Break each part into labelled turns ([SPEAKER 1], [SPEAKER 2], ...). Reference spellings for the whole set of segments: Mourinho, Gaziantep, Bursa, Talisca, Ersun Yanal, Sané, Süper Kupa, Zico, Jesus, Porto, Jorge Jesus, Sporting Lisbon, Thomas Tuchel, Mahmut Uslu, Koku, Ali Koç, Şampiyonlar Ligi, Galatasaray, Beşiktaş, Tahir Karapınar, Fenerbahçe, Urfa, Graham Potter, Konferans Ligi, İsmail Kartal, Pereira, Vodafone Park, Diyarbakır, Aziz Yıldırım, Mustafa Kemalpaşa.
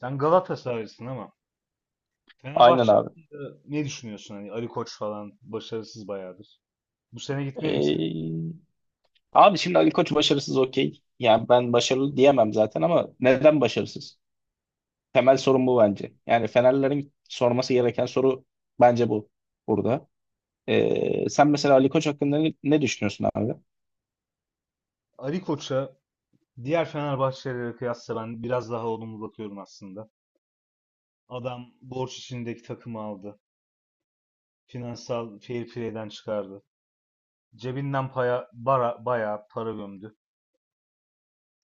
[SPEAKER 1] Sen Galatasaraylısın ama
[SPEAKER 2] Aynen
[SPEAKER 1] Fenerbahçe
[SPEAKER 2] abi.
[SPEAKER 1] hakkında ne düşünüyorsun? Hani Ali Koç falan başarısız bayağıdır. Bu sene gitmeli misin?
[SPEAKER 2] Ee, Abi şimdi Ali Koç başarısız okey. Yani ben başarılı diyemem zaten ama neden başarısız? Temel sorun bu bence. Yani Fenerlerin sorması gereken soru bence bu burada. Sen mesela Ali Koç hakkında ne düşünüyorsun abi?
[SPEAKER 1] Ali Koç'a diğer Fenerbahçelilere kıyasla ben biraz daha olumlu bakıyorum aslında. Adam borç içindeki takımı aldı. Finansal fair play'den çıkardı. Cebinden bayağı para gömdü.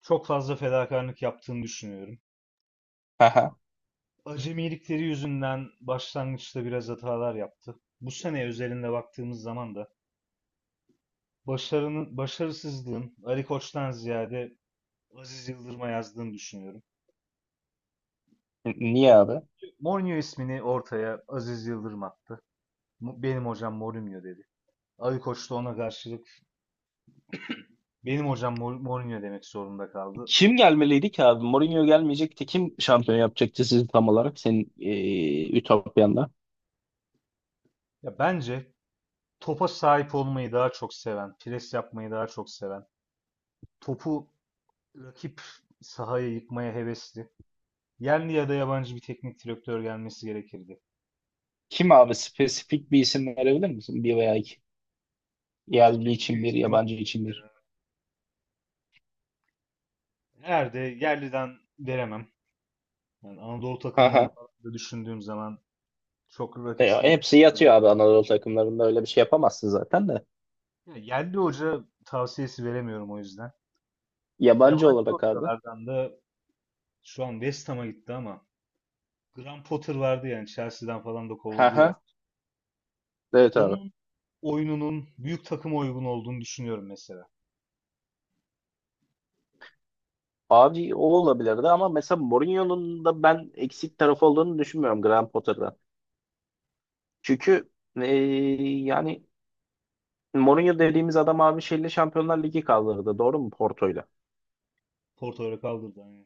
[SPEAKER 1] Çok fazla fedakarlık yaptığını düşünüyorum.
[SPEAKER 2] Haha.
[SPEAKER 1] Acemilikleri yüzünden başlangıçta biraz hatalar yaptı. Bu sene özelinde baktığımız zaman da başarının, başarısızlığın Ali Koç'tan ziyade Aziz Yıldırım'a yazdığını düşünüyorum.
[SPEAKER 2] Niye abi?
[SPEAKER 1] Mourinho ismini ortaya Aziz Yıldırım attı. Benim hocam Mourinho dedi. Ali Koç da ona karşılık benim hocam Mourinho demek zorunda kaldı.
[SPEAKER 2] Kim gelmeliydi ki abi? Mourinho gelmeyecekti. Kim şampiyon yapacaktı sizi tam olarak senin Ütopya'nda?
[SPEAKER 1] Ya bence topa sahip olmayı daha çok seven, pres yapmayı daha çok seven, topu rakip sahaya yıkmaya hevesli, yerli ya da yabancı bir teknik direktör gelmesi gerekirdi.
[SPEAKER 2] Kim abi? Spesifik bir isim verebilir misin? Bir veya iki. Yerli
[SPEAKER 1] Spesifik
[SPEAKER 2] için bir,
[SPEAKER 1] isim,
[SPEAKER 2] yabancı için bir.
[SPEAKER 1] eğer de yerliden veremem. Yani Anadolu takımlarını
[SPEAKER 2] Haha.
[SPEAKER 1] falan da düşündüğüm zaman çok
[SPEAKER 2] E,
[SPEAKER 1] rakipsiz iyi
[SPEAKER 2] hepsi
[SPEAKER 1] bir sahada.
[SPEAKER 2] yatıyor abi, Anadolu takımlarında öyle bir şey yapamazsın zaten de.
[SPEAKER 1] Ya, yerli hoca tavsiyesi veremiyorum o yüzden.
[SPEAKER 2] Yabancı
[SPEAKER 1] Yabancı
[SPEAKER 2] olarak abi.
[SPEAKER 1] hocalardan da şu an West Ham'a gitti ama Graham Potter vardı, yani Chelsea'den falan da
[SPEAKER 2] Ha
[SPEAKER 1] kovuldu
[SPEAKER 2] ha.
[SPEAKER 1] ya.
[SPEAKER 2] Evet abi.
[SPEAKER 1] Onun oyununun büyük takıma uygun olduğunu düşünüyorum mesela.
[SPEAKER 2] Abi o olabilirdi ama mesela Mourinho'nun da ben eksik tarafı olduğunu düşünmüyorum Graham Potter'dan. Çünkü e, yani Mourinho dediğimiz adam abi şeyle Şampiyonlar Ligi kaldırdı. Doğru mu Porto'yla?
[SPEAKER 1] Porto'ya kaldırdı hani.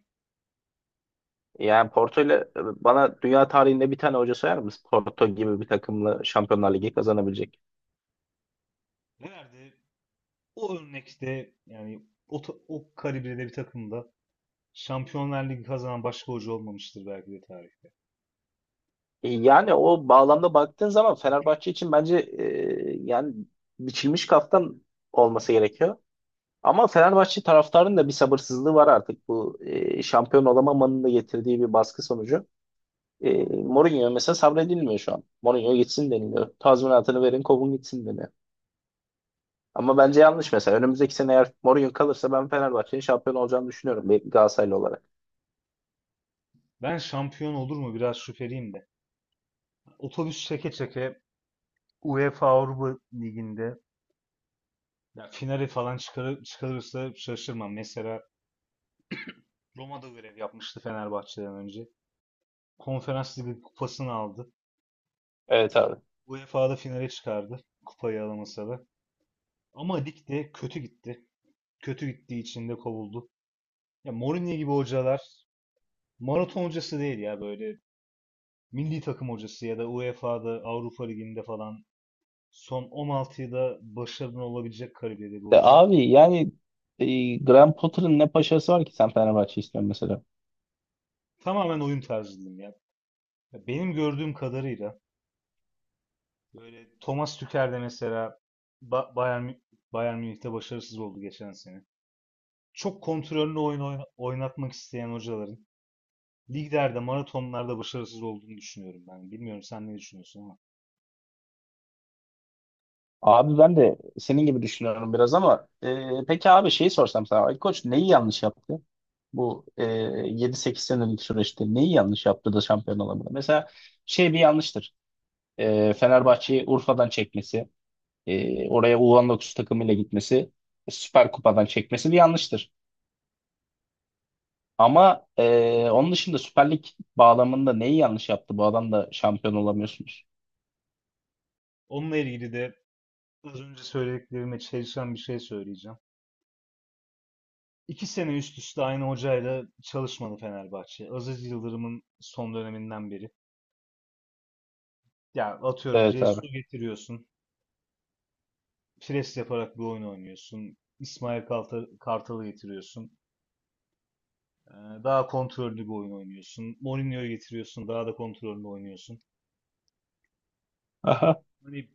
[SPEAKER 2] Yani Porto'yla bana dünya tarihinde bir tane hoca sayar mısın Porto gibi bir takımla Şampiyonlar Ligi kazanabilecek?
[SPEAKER 1] Nerede? O örnekte yani o kalibrede bir takımda Şampiyonlar Ligi kazanan başka hoca olmamıştır belki de tarih.
[SPEAKER 2] Yani o bağlamda baktığın zaman Fenerbahçe için bence yani biçilmiş kaftan olması gerekiyor. Ama Fenerbahçe taraftarının da bir sabırsızlığı var artık, bu şampiyon olamamanın da getirdiği bir baskı sonucu. Mourinho mesela sabredilmiyor şu an. Mourinho gitsin deniliyor. Tazminatını verin, kovun gitsin deniyor. Ama bence yanlış mesela. Önümüzdeki sene eğer Mourinho kalırsa ben Fenerbahçe'nin şampiyon olacağını düşünüyorum bir Galatasaraylı olarak.
[SPEAKER 1] Ben şampiyon olur mu biraz şüpheliyim de. Otobüs çeke çeke UEFA Avrupa Ligi'nde ya finali falan çıkarırsa şaşırmam. Mesela Roma'da görev yapmıştı Fenerbahçe'den önce. Konferans Ligi kupasını aldı.
[SPEAKER 2] Evet abi.
[SPEAKER 1] UEFA'da finale çıkardı. Kupayı alamasa da. Ama ligde kötü gitti. Kötü gittiği için de kovuldu. Ya Mourinho gibi hocalar maraton hocası değil ya, böyle milli takım hocası ya da UEFA'da Avrupa Ligi'nde falan son 16'yı da başarılı olabilecek kariyerde bir
[SPEAKER 2] E,
[SPEAKER 1] hoca.
[SPEAKER 2] abi yani Graham Potter'ın ne paşası var ki sen Fenerbahçe istiyorsun mesela?
[SPEAKER 1] Tamamen oyun tarzı diyeyim ya. Ya, benim gördüğüm kadarıyla böyle Thomas Tuchel de mesela Ba- Bayern, Mü- Bayern Münih'te başarısız oldu geçen sene. Çok kontrollü oyun oynatmak isteyen hocaların liglerde, maratonlarda başarısız olduğunu düşünüyorum ben. Bilmiyorum sen ne düşünüyorsun ama.
[SPEAKER 2] Abi ben de senin gibi düşünüyorum biraz ama peki abi şeyi sorsam sana, Ali Koç neyi yanlış yaptı? Bu 7-8 senelik süreçte neyi yanlış yaptı da şampiyon olamadı? Mesela şey bir yanlıştır. Fenerbahçe'yi Urfa'dan çekmesi,
[SPEAKER 1] Ya,
[SPEAKER 2] oraya U19 takımıyla gitmesi, Süper Kupa'dan çekmesi bir yanlıştır.
[SPEAKER 1] aynen.
[SPEAKER 2] Ama onun dışında Süper Lig bağlamında neyi yanlış yaptı? Bu adam da şampiyon olamıyorsunuz.
[SPEAKER 1] Onunla ilgili de az önce söylediklerime çelişen bir şey söyleyeceğim. İki sene üst üste aynı hocayla çalışmadı Fenerbahçe. Aziz Yıldırım'ın son döneminden beri. Ya atıyorum
[SPEAKER 2] Evet abi.
[SPEAKER 1] Cesu getiriyorsun, pres yaparak bir oyun oynuyorsun. İsmail Kartal'ı getiriyorsun. Ee, Daha kontrollü bir oyun oynuyorsun. Mourinho'yu getiriyorsun. Daha da kontrollü oynuyorsun.
[SPEAKER 2] Aha.
[SPEAKER 1] Hani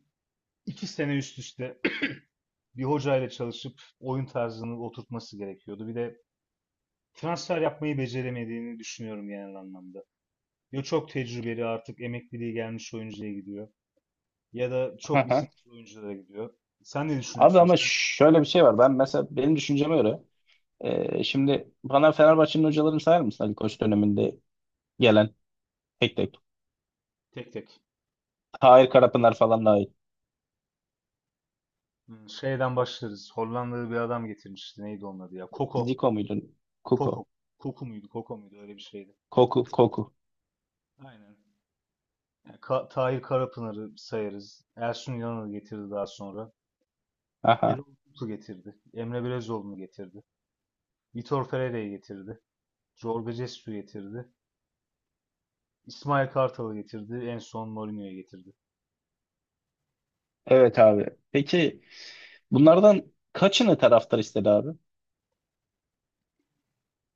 [SPEAKER 1] iki sene üst üste bir hocayla çalışıp oyun tarzını oturtması gerekiyordu. Bir de transfer yapmayı beceremediğini düşünüyorum genel anlamda. Ya çok tecrübeli artık emekliliği gelmiş oyuncuya gidiyor. Ya da çok
[SPEAKER 2] Aha.
[SPEAKER 1] isimli oyunculara gidiyor. Sen ne
[SPEAKER 2] Abi
[SPEAKER 1] düşünüyorsun?
[SPEAKER 2] ama
[SPEAKER 1] Sen
[SPEAKER 2] şöyle bir şey var. Ben mesela benim düşünceme göre, şimdi bana Fenerbahçe'nin hocalarını sayar mısın Ali Koç döneminde gelen, tek tek?
[SPEAKER 1] tek tek.
[SPEAKER 2] Tahir Karapınar falan dahil.
[SPEAKER 1] Şeyden başlarız. Hollandalı bir adam getirmişti. Neydi onun adı ya? Koko.
[SPEAKER 2] Zico muydu? Kuko.
[SPEAKER 1] Koko. Koku muydu? Koko muydu? Öyle bir şeydi.
[SPEAKER 2] Koku. Koku.
[SPEAKER 1] Aynen. Yani Tahir Karapınar'ı sayarız. Ersun Yanal'ı getirdi daha sonra.
[SPEAKER 2] Aha.
[SPEAKER 1] Erol Bulut'u getirdi. Emre Belezoğlu'nu getirdi. Vitor Pereira'yı getirdi. Jorge Jesus'u getirdi. İsmail Kartal'ı getirdi. En son Mourinho'yu getirdi.
[SPEAKER 2] Evet abi. Peki bunlardan kaçını taraftar istedi abi?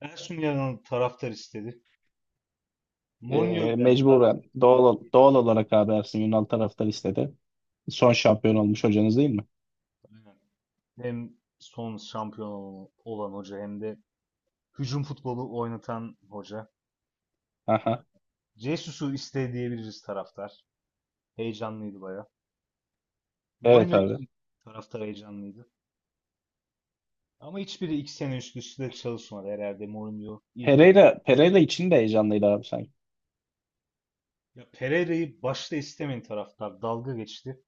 [SPEAKER 1] Ersun Yanal'ı taraftar istedi.
[SPEAKER 2] Ee,
[SPEAKER 1] Mourinho'yu da
[SPEAKER 2] mecburen
[SPEAKER 1] taraftar
[SPEAKER 2] doğal
[SPEAKER 1] istedi.
[SPEAKER 2] olarak abi Ersun Yanal taraftar istedi. Son şampiyon olmuş hocanız değil mi?
[SPEAKER 1] Aynen. Hem son şampiyon olan hoca hem de hücum futbolu oynatan hoca.
[SPEAKER 2] Aha.
[SPEAKER 1] Jesus'u istedi diyebiliriz taraftar. Heyecanlıydı baya.
[SPEAKER 2] Evet
[SPEAKER 1] Mourinho
[SPEAKER 2] abi.
[SPEAKER 1] için taraftar heyecanlıydı. Ama hiçbiri iki sene üst üste çalışmadı, herhalde Mourinho ilk oldu.
[SPEAKER 2] Pereira için de heyecanlıydı abi sanki.
[SPEAKER 1] Ya Pereira'yı başta istemeyen taraftar dalga geçti.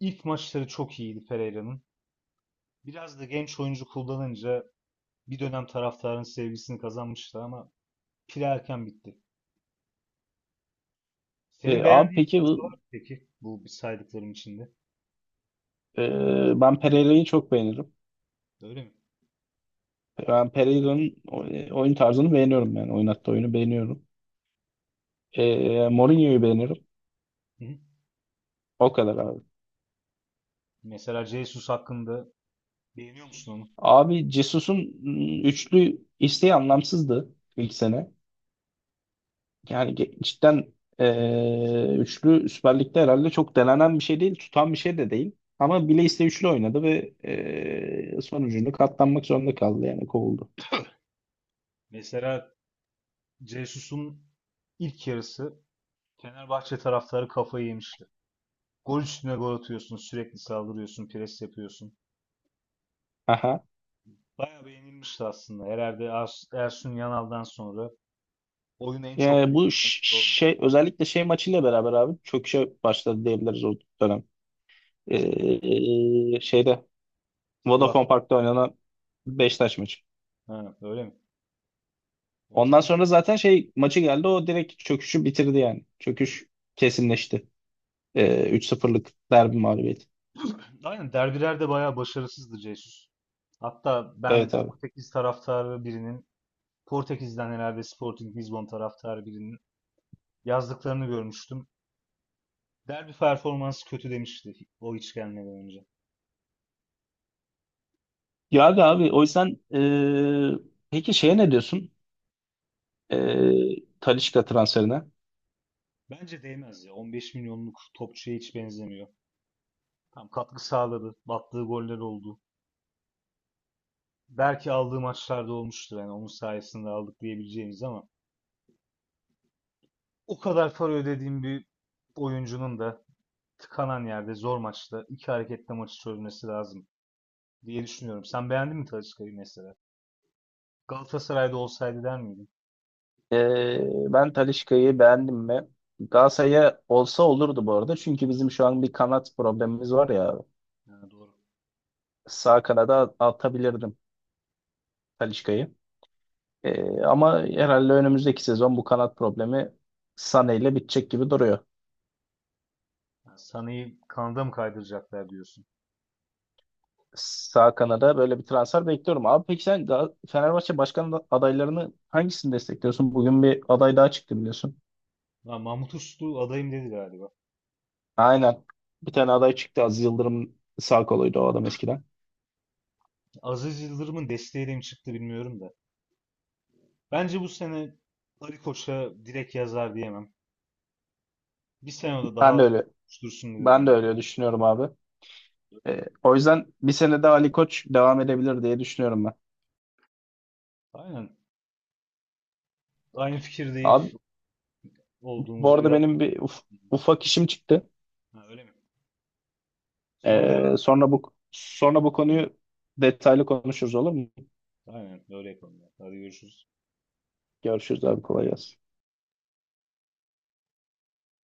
[SPEAKER 1] İlk maçları çok iyiydi Pereira'nın. Biraz da genç oyuncu kullanınca bir dönem taraftarın sevgisini kazanmıştı ama pil erken bitti. Senin
[SPEAKER 2] Abi
[SPEAKER 1] beğendiğin
[SPEAKER 2] peki
[SPEAKER 1] hoca var mı peki bu saydıklarım içinde?
[SPEAKER 2] ben Pereira'yı çok beğenirim.
[SPEAKER 1] Öyle mi?
[SPEAKER 2] Ben Pereira'nın oyun tarzını beğeniyorum yani. Oynattığı oyunu beğeniyorum. Mourinho'yu beğeniyorum.
[SPEAKER 1] Hı hı.
[SPEAKER 2] O kadar abi.
[SPEAKER 1] Mesela Jesus hakkında beğeniyor musun onu?
[SPEAKER 2] Abi Jesus'un üçlü isteği anlamsızdı ilk sene. Yani cidden üçlü Süper Lig'de herhalde çok denenen bir şey değil. Tutan bir şey de değil. Ama bile iste üçlü oynadı ve sonucunda katlanmak zorunda kaldı yani kovuldu.
[SPEAKER 1] Mesela Jesus'un ilk yarısı Fenerbahçe taraftarı kafayı yemişti. Gol üstüne gol atıyorsun, sürekli saldırıyorsun, pres yapıyorsun.
[SPEAKER 2] Aha.
[SPEAKER 1] Bayağı beğenilmişti aslında. Herhalde Ersun Yanal'dan sonra oyunu en çok
[SPEAKER 2] Bu
[SPEAKER 1] beğenilen olmuş.
[SPEAKER 2] şey, özellikle şey maçıyla beraber abi çöküşe başladı diyebiliriz o dönem. Şeyde Vodafone
[SPEAKER 1] Sivas'ta.
[SPEAKER 2] Park'ta oynanan Beşiktaş maçı.
[SPEAKER 1] Ha, öyle mi? Onu
[SPEAKER 2] Ondan
[SPEAKER 1] tam
[SPEAKER 2] sonra zaten şey maçı geldi, o direkt çöküşü bitirdi yani. Çöküş kesinleşti. 3-0'lık derbi mağlubiyeti.
[SPEAKER 1] hatırlamıyorum. Aynen, derbilerde bayağı başarısızdı Jesus. Hatta
[SPEAKER 2] Evet
[SPEAKER 1] ben
[SPEAKER 2] abi.
[SPEAKER 1] Portekiz taraftarı birinin, Portekiz'den herhalde Sporting Lisbon taraftarı birinin yazdıklarını görmüştüm. Derbi performansı kötü demişti o hiç gelmeden önce.
[SPEAKER 2] Ya abi, o yüzden peki şeye ne diyorsun, Talisca transferine?
[SPEAKER 1] Bence değmez ya. 15 milyonluk topçuya hiç benzemiyor. Tam katkı sağladı, battığı goller oldu. Belki aldığı maçlarda olmuştur. Yani onun sayesinde aldık diyebileceğimiz ama o kadar para ödediğim bir oyuncunun da tıkanan yerde zor maçta iki hareketle maçı çözmesi lazım diye düşünüyorum. Sen beğendin mi Talisca'yı mesela? Galatasaray'da olsaydı der miydin?
[SPEAKER 2] E, Ben Talisca'yı beğendim mi? Galatasaray'a olsa olurdu bu arada. Çünkü bizim şu an bir kanat problemimiz var ya.
[SPEAKER 1] Yani doğru.
[SPEAKER 2] Sağ kanada atabilirdim Talisca'yı. Ama herhalde önümüzdeki sezon bu kanat problemi Sané ile bitecek gibi duruyor.
[SPEAKER 1] Yani Sana'yı kanada mı kaydıracaklar diyorsun.
[SPEAKER 2] Sağ kanada böyle bir transfer bekliyorum. Abi peki sen Fenerbahçe başkan adaylarını, hangisini destekliyorsun? Bugün bir aday daha çıktı biliyorsun.
[SPEAKER 1] Lan Mahmut Uslu adayım dedi galiba.
[SPEAKER 2] Aynen. Bir tane aday çıktı. Aziz Yıldırım sağ koluydu o adam eskiden.
[SPEAKER 1] Aziz Yıldırım'ın desteğiyle mi çıktı bilmiyorum da. Bence bu sene Ali Koç'a direkt yazar diyemem. Bir sene de
[SPEAKER 2] Ben de
[SPEAKER 1] daha
[SPEAKER 2] öyle
[SPEAKER 1] dursun
[SPEAKER 2] ben
[SPEAKER 1] diyorum
[SPEAKER 2] de
[SPEAKER 1] ben.
[SPEAKER 2] öyle düşünüyorum abi.
[SPEAKER 1] Öyle mi?
[SPEAKER 2] O yüzden bir sene daha Ali Koç devam edebilir diye düşünüyorum ben.
[SPEAKER 1] Aynen. Aynı fikirdeyiz
[SPEAKER 2] Abi bu
[SPEAKER 1] olduğumuzda
[SPEAKER 2] arada
[SPEAKER 1] biraz.
[SPEAKER 2] benim bir ufak işim çıktı.
[SPEAKER 1] Ha, öyle mi? Sonra
[SPEAKER 2] Ee,
[SPEAKER 1] devam.
[SPEAKER 2] sonra bu sonra bu konuyu detaylı konuşuruz olur mu?
[SPEAKER 1] Aynen öyle yapalım ya. Hadi görüşürüz.
[SPEAKER 2] Görüşürüz abi, kolay gelsin.